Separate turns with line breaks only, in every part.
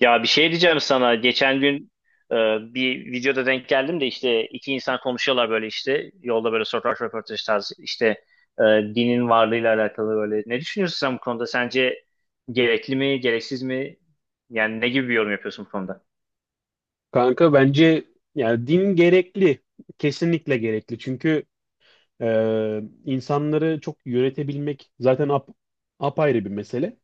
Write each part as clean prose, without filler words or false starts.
Ya bir şey diyeceğim sana. Geçen gün e, bir videoda denk geldim de işte iki insan konuşuyorlar böyle işte yolda böyle sokak röportajı tarzı işte e, dinin varlığıyla alakalı böyle. Ne düşünüyorsun sen bu konuda? Sence gerekli mi, gereksiz mi? Yani ne gibi bir yorum yapıyorsun bu konuda?
Kanka bence yani din gerekli. Kesinlikle gerekli. Çünkü insanları çok yönetebilmek zaten apayrı bir mesele.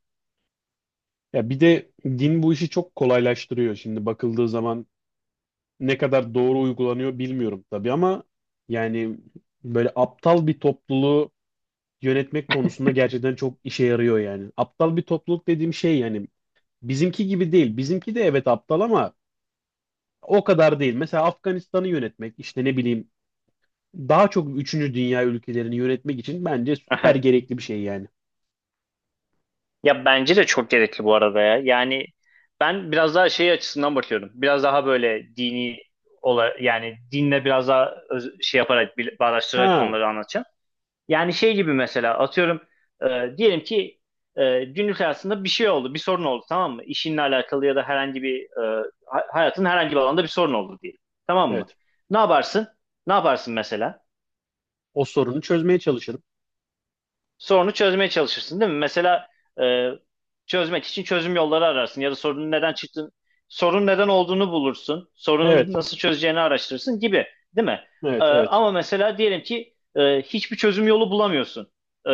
Ya bir de din bu işi çok kolaylaştırıyor. Şimdi bakıldığı zaman ne kadar doğru uygulanıyor bilmiyorum tabii ama yani böyle aptal bir topluluğu yönetmek konusunda gerçekten çok işe yarıyor yani. Aptal bir topluluk dediğim şey yani bizimki gibi değil. Bizimki de evet aptal ama o kadar değil. Mesela Afganistan'ı yönetmek, işte ne bileyim daha çok üçüncü dünya ülkelerini yönetmek için bence süper
Aha.
gerekli bir şey yani.
Ya bence de çok gerekli bu arada ya. Yani ben biraz daha şey açısından bakıyorum. Biraz daha böyle yani dinle biraz daha şey yaparak bağdaştırarak
Ha,
konuları anlatacağım. Yani şey gibi mesela atıyorum diyelim ki günlük hayatında bir şey oldu, bir sorun oldu tamam mı? İşinle alakalı ya da herhangi bir hayatın herhangi bir alanda bir sorun oldu diyelim. Tamam mı?
evet.
Ne yaparsın? Ne yaparsın mesela?
O sorunu çözmeye çalışırım.
Sorunu çözmeye çalışırsın değil mi? Mesela e, çözmek için çözüm yolları ararsın ya da sorunun neden çıktığını, sorun neden olduğunu bulursun, sorunu
Evet,
nasıl çözeceğini araştırırsın gibi, değil mi?
evet, evet.
Ama mesela diyelim ki hiçbir çözüm yolu bulamıyorsun. E,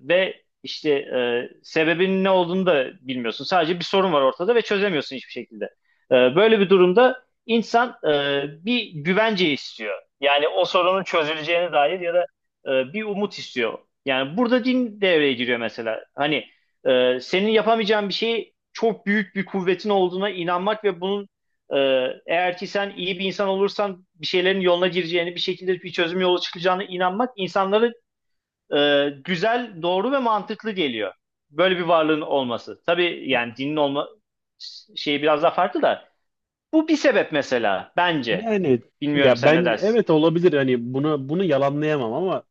Ve işte sebebinin ne olduğunu da bilmiyorsun. Sadece bir sorun var ortada ve çözemiyorsun hiçbir şekilde. Böyle bir durumda insan bir güvence istiyor. Yani o sorunun çözüleceğine dair ya da bir umut istiyor. Yani burada din devreye giriyor mesela. Hani senin yapamayacağın bir şeyi çok büyük bir kuvvetin olduğuna inanmak ve bunun e, eğer ki sen iyi bir insan olursan bir şeylerin yoluna gireceğini, bir şekilde bir çözüm yolu çıkacağına inanmak insanlara güzel, doğru ve mantıklı geliyor. Böyle bir varlığın olması. Tabii yani dinin olma şeyi biraz daha farklı da bu bir sebep mesela bence.
Yani
Bilmiyorum
ya
sen ne
ben
dersin?
evet olabilir hani bunu yalanlayamam ama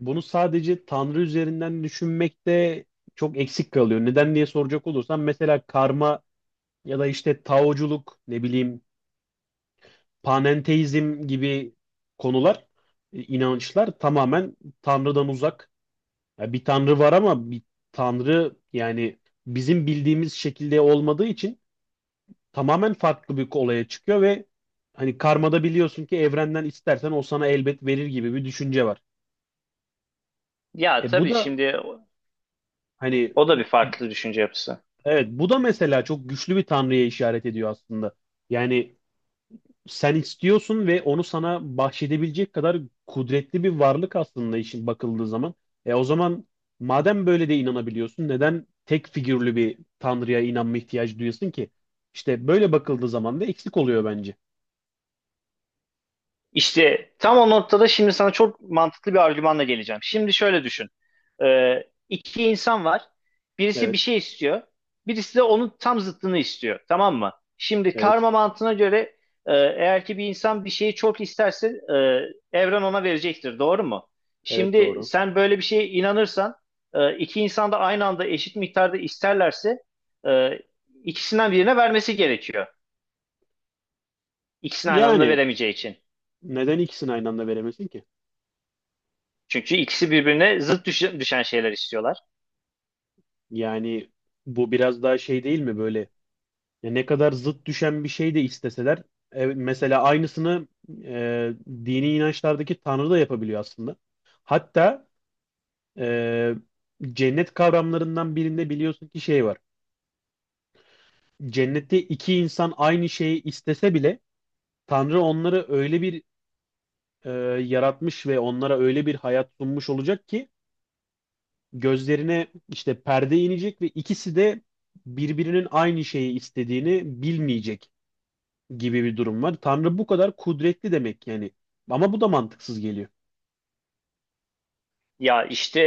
bunu sadece Tanrı üzerinden düşünmekte çok eksik kalıyor. Neden diye soracak olursam mesela karma ya da işte taoculuk ne bileyim panenteizm gibi konular, inançlar tamamen Tanrı'dan uzak. Ya bir tanrı var ama bir tanrı yani bizim bildiğimiz şekilde olmadığı için tamamen farklı bir olaya çıkıyor ve hani karmada biliyorsun ki evrenden istersen o sana elbet verir gibi bir düşünce var.
Ya
E bu
tabii
da
şimdi o
hani
o da bir farklı düşünce yapısı.
evet, bu da mesela çok güçlü bir tanrıya işaret ediyor aslında. Yani sen istiyorsun ve onu sana bahşedebilecek kadar kudretli bir varlık aslında işin bakıldığı zaman. E o zaman madem böyle de inanabiliyorsun neden tek figürlü bir tanrıya inanma ihtiyacı duyuyorsun ki? İşte böyle bakıldığı zaman da eksik oluyor bence.
İşte tam o noktada şimdi sana çok mantıklı bir argümanla geleceğim. Şimdi şöyle düşün. Ee, iki insan var. Birisi bir
Evet,
şey istiyor. Birisi de onun tam zıttını istiyor. Tamam mı? Şimdi
evet,
karma mantığına göre eğer ki bir insan bir şeyi çok isterse evren ona verecektir. Doğru mu?
evet
Şimdi
doğru.
sen böyle bir şeye inanırsan iki insan da aynı anda eşit miktarda isterlerse e, ikisinden birine vermesi gerekiyor. İkisini aynı anda
Yani
veremeyeceği için.
neden ikisini aynı anda veremesin ki?
Çünkü ikisi birbirine zıt düşen şeyler istiyorlar.
Yani bu biraz daha şey değil mi böyle? Ya ne kadar zıt düşen bir şey de isteseler, evet, mesela aynısını e, dini inançlardaki Tanrı da yapabiliyor aslında. Hatta e, cennet kavramlarından birinde biliyorsun ki şey var. Cennette iki insan aynı şeyi istese bile Tanrı onları öyle bir e, yaratmış ve onlara öyle bir hayat sunmuş olacak ki gözlerine işte perde inecek ve ikisi de birbirinin aynı şeyi istediğini bilmeyecek gibi bir durum var. Tanrı bu kadar kudretli demek yani. Ama bu da mantıksız geliyor.
Ya işte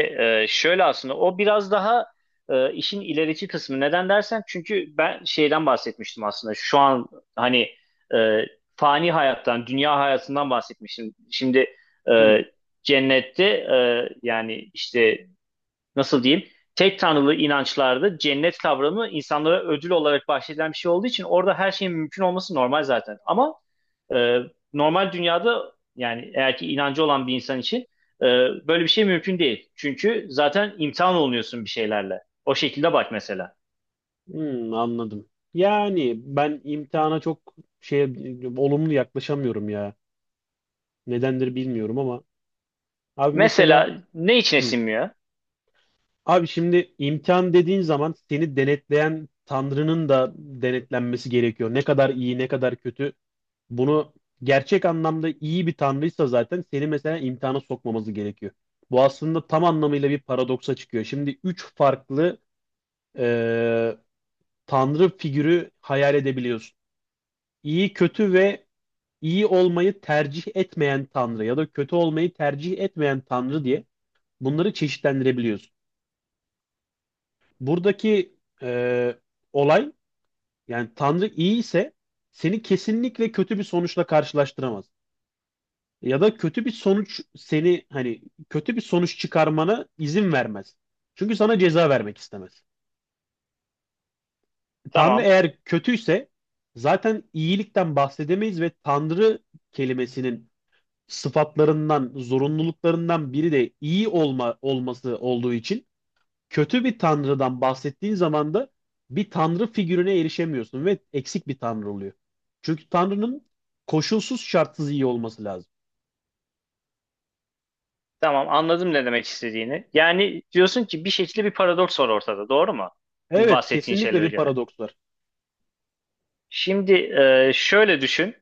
şöyle aslında o biraz daha işin ilerici kısmı. Neden dersen çünkü ben şeyden bahsetmiştim aslında. Şu an hani e, fani hayattan, dünya hayatından bahsetmiştim. Şimdi
Hı,
e, cennette yani işte nasıl diyeyim tek tanrılı inançlarda cennet kavramı insanlara ödül olarak bahşedilen bir şey olduğu için orada her şeyin mümkün olması normal zaten. Ama e, normal dünyada yani eğer ki inancı olan bir insan için e, böyle bir şey mümkün değil. Çünkü zaten imtihan olunuyorsun bir şeylerle. O şekilde bak mesela.
hı, anladım. Yani ben imtihana çok şey, olumlu yaklaşamıyorum ya. Nedendir bilmiyorum ama abi mesela
Mesela ne içine
hı.
sinmiyor?
Abi şimdi imtihan dediğin zaman seni denetleyen Tanrı'nın da denetlenmesi gerekiyor. Ne kadar iyi, ne kadar kötü. Bunu gerçek anlamda iyi bir Tanrıysa zaten seni mesela imtihana sokmaması gerekiyor. Bu aslında tam anlamıyla bir paradoksa çıkıyor. Şimdi üç farklı e, tanrı figürü hayal edebiliyorsun. İyi, kötü ve iyi olmayı tercih etmeyen tanrı ya da kötü olmayı tercih etmeyen tanrı diye bunları çeşitlendirebiliyorsun. Buradaki e, olay, yani tanrı iyi ise seni kesinlikle kötü bir sonuçla karşılaştıramaz. Ya da kötü bir sonuç seni hani kötü bir sonuç çıkarmana izin vermez. Çünkü sana ceza vermek istemez. Tanrı
Tamam.
eğer kötüyse zaten iyilikten bahsedemeyiz ve Tanrı kelimesinin sıfatlarından, zorunluluklarından biri de iyi olma olması olduğu için kötü bir Tanrı'dan bahsettiğin zaman da bir Tanrı figürüne erişemiyorsun ve eksik bir Tanrı oluyor. Çünkü Tanrı'nın koşulsuz şartsız iyi olması lazım.
Tamam, anladım ne demek istediğini. Yani diyorsun ki bir şekilde bir paradoks var ortada, doğru mu? Bu
Evet,
bahsettiğin
kesinlikle
şeylere
bir
göre.
paradoks var.
Şimdi şöyle düşün.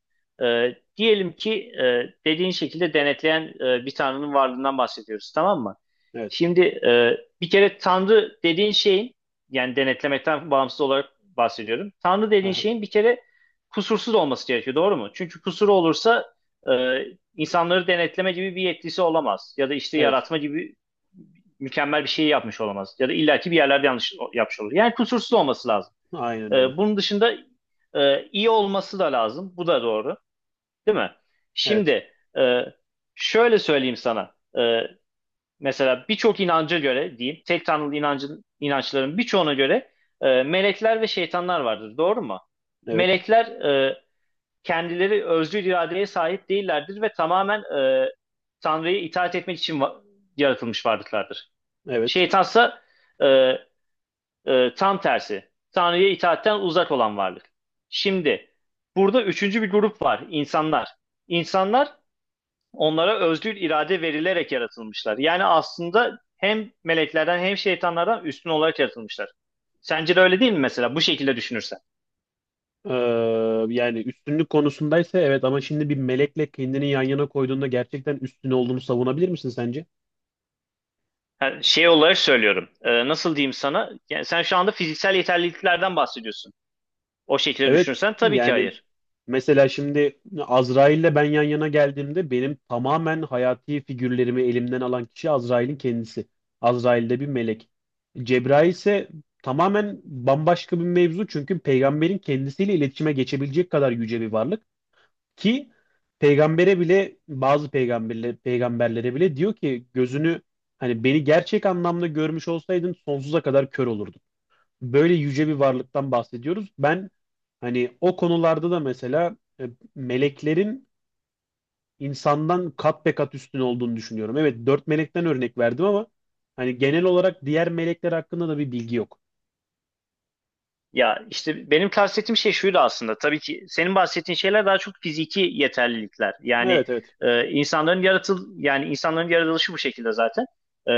Diyelim ki dediğin şekilde denetleyen bir tanrının varlığından bahsediyoruz, tamam mı?
Evet.
Şimdi bir kere tanrı dediğin şeyin, yani denetlemekten bağımsız olarak bahsediyorum. Tanrı dediğin
Aha.
şeyin bir kere kusursuz olması gerekiyor, doğru mu? Çünkü kusuru olursa e, insanları denetleme gibi bir yetkisi olamaz. Ya da işte
Evet.
yaratma gibi mükemmel bir şey yapmış olamaz. Ya da illaki bir yerlerde yanlış yapmış olur. Yani kusursuz olması lazım.
Aynen öyle.
Bunun dışında iyi olması da lazım. Bu da doğru, değil mi?
Evet.
Şimdi e, şöyle söyleyeyim sana. Mesela birçok inanca göre diyeyim, tek tanrılı inançların birçoğuna göre melekler ve şeytanlar vardır. Doğru mu?
Evet.
Melekler kendileri özgür iradeye sahip değillerdir ve tamamen e, Tanrı'ya itaat etmek için yaratılmış varlıklardır.
Evet.
Şeytansa e, tam tersi. Tanrı'ya itaatten uzak olan varlık. Şimdi burada üçüncü bir grup var. İnsanlar. İnsanlar onlara özgür irade verilerek yaratılmışlar. Yani aslında hem meleklerden hem şeytanlardan üstün olarak yaratılmışlar. Sence de öyle değil mi mesela bu şekilde düşünürsen?
Ee, yani üstünlük konusundaysa evet ama şimdi bir melekle kendini yan yana koyduğunda gerçekten üstün olduğunu savunabilir misin sence?
Ha, şey olarak söylüyorum. Nasıl diyeyim sana? Yani sen şu anda fiziksel yeterliliklerden bahsediyorsun. O şekilde
Evet
düşünürsen tabii ki
yani
hayır.
mesela şimdi Azrail'le ben yan yana geldiğimde benim tamamen hayati figürlerimi elimden alan kişi Azrail'in kendisi. Azrail de bir melek. Cebrail ise tamamen bambaşka bir mevzu çünkü peygamberin kendisiyle iletişime geçebilecek kadar yüce bir varlık. Ki peygambere bile bazı peygamberlere bile diyor ki gözünü hani beni gerçek anlamda görmüş olsaydın sonsuza kadar kör olurdun. Böyle yüce bir varlıktan bahsediyoruz. Ben hani o konularda da mesela meleklerin insandan kat be kat üstün olduğunu düşünüyorum. Evet dört melekten örnek verdim ama hani genel olarak diğer melekler hakkında da bir bilgi yok.
Ya işte benim kastettiğim şey şuydu aslında. Tabii ki senin bahsettiğin şeyler daha çok fiziki yeterlilikler. Yani
Evet, evet.
e, insanların yaratıl yani insanların yaratılışı bu şekilde zaten.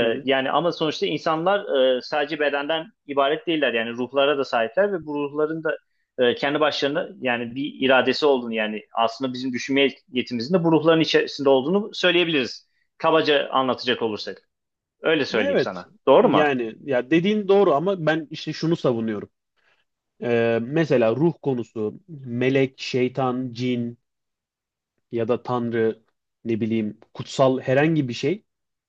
Hı hı.
Yani ama sonuçta insanlar sadece bedenden ibaret değiller. Yani ruhlara da sahipler ve bu ruhların da kendi başlarına yani bir iradesi olduğunu, yani aslında bizim düşünme yetimizin de bu ruhların içerisinde olduğunu söyleyebiliriz. Kabaca anlatacak olursak. Öyle söyleyeyim
Evet
sana. Doğru mu?
yani ya dediğin doğru ama ben işte şunu savunuyorum. Mesela ruh konusu, melek, şeytan, cin ya da tanrı, ne bileyim, kutsal herhangi bir şey.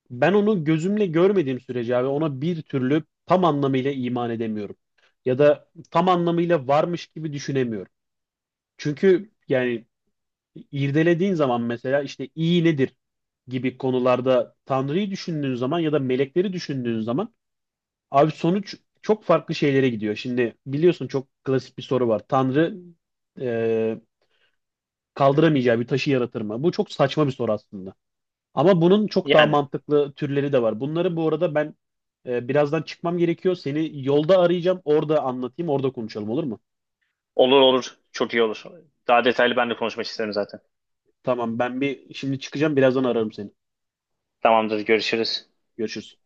Ben onu gözümle görmediğim sürece abi ona bir türlü tam anlamıyla iman edemiyorum. Ya da tam anlamıyla varmış gibi düşünemiyorum. Çünkü yani irdelediğin zaman mesela işte iyi nedir gibi konularda tanrıyı düşündüğün zaman ya da melekleri düşündüğün zaman, abi sonuç çok farklı şeylere gidiyor. Şimdi biliyorsun çok klasik bir soru var. Tanrı e, kaldıramayacağı bir taşı yaratır mı? Bu çok saçma bir soru aslında. Ama bunun çok daha
Yani.
mantıklı türleri de var. Bunları bu arada ben birazdan çıkmam gerekiyor. Seni yolda arayacağım. Orada anlatayım, orada konuşalım olur mu?
Olur olur. Çok iyi olur. Daha detaylı ben de konuşmak isterim zaten.
Tamam, ben bir şimdi çıkacağım. Birazdan ararım seni.
Tamamdır. Görüşürüz.
Görüşürüz.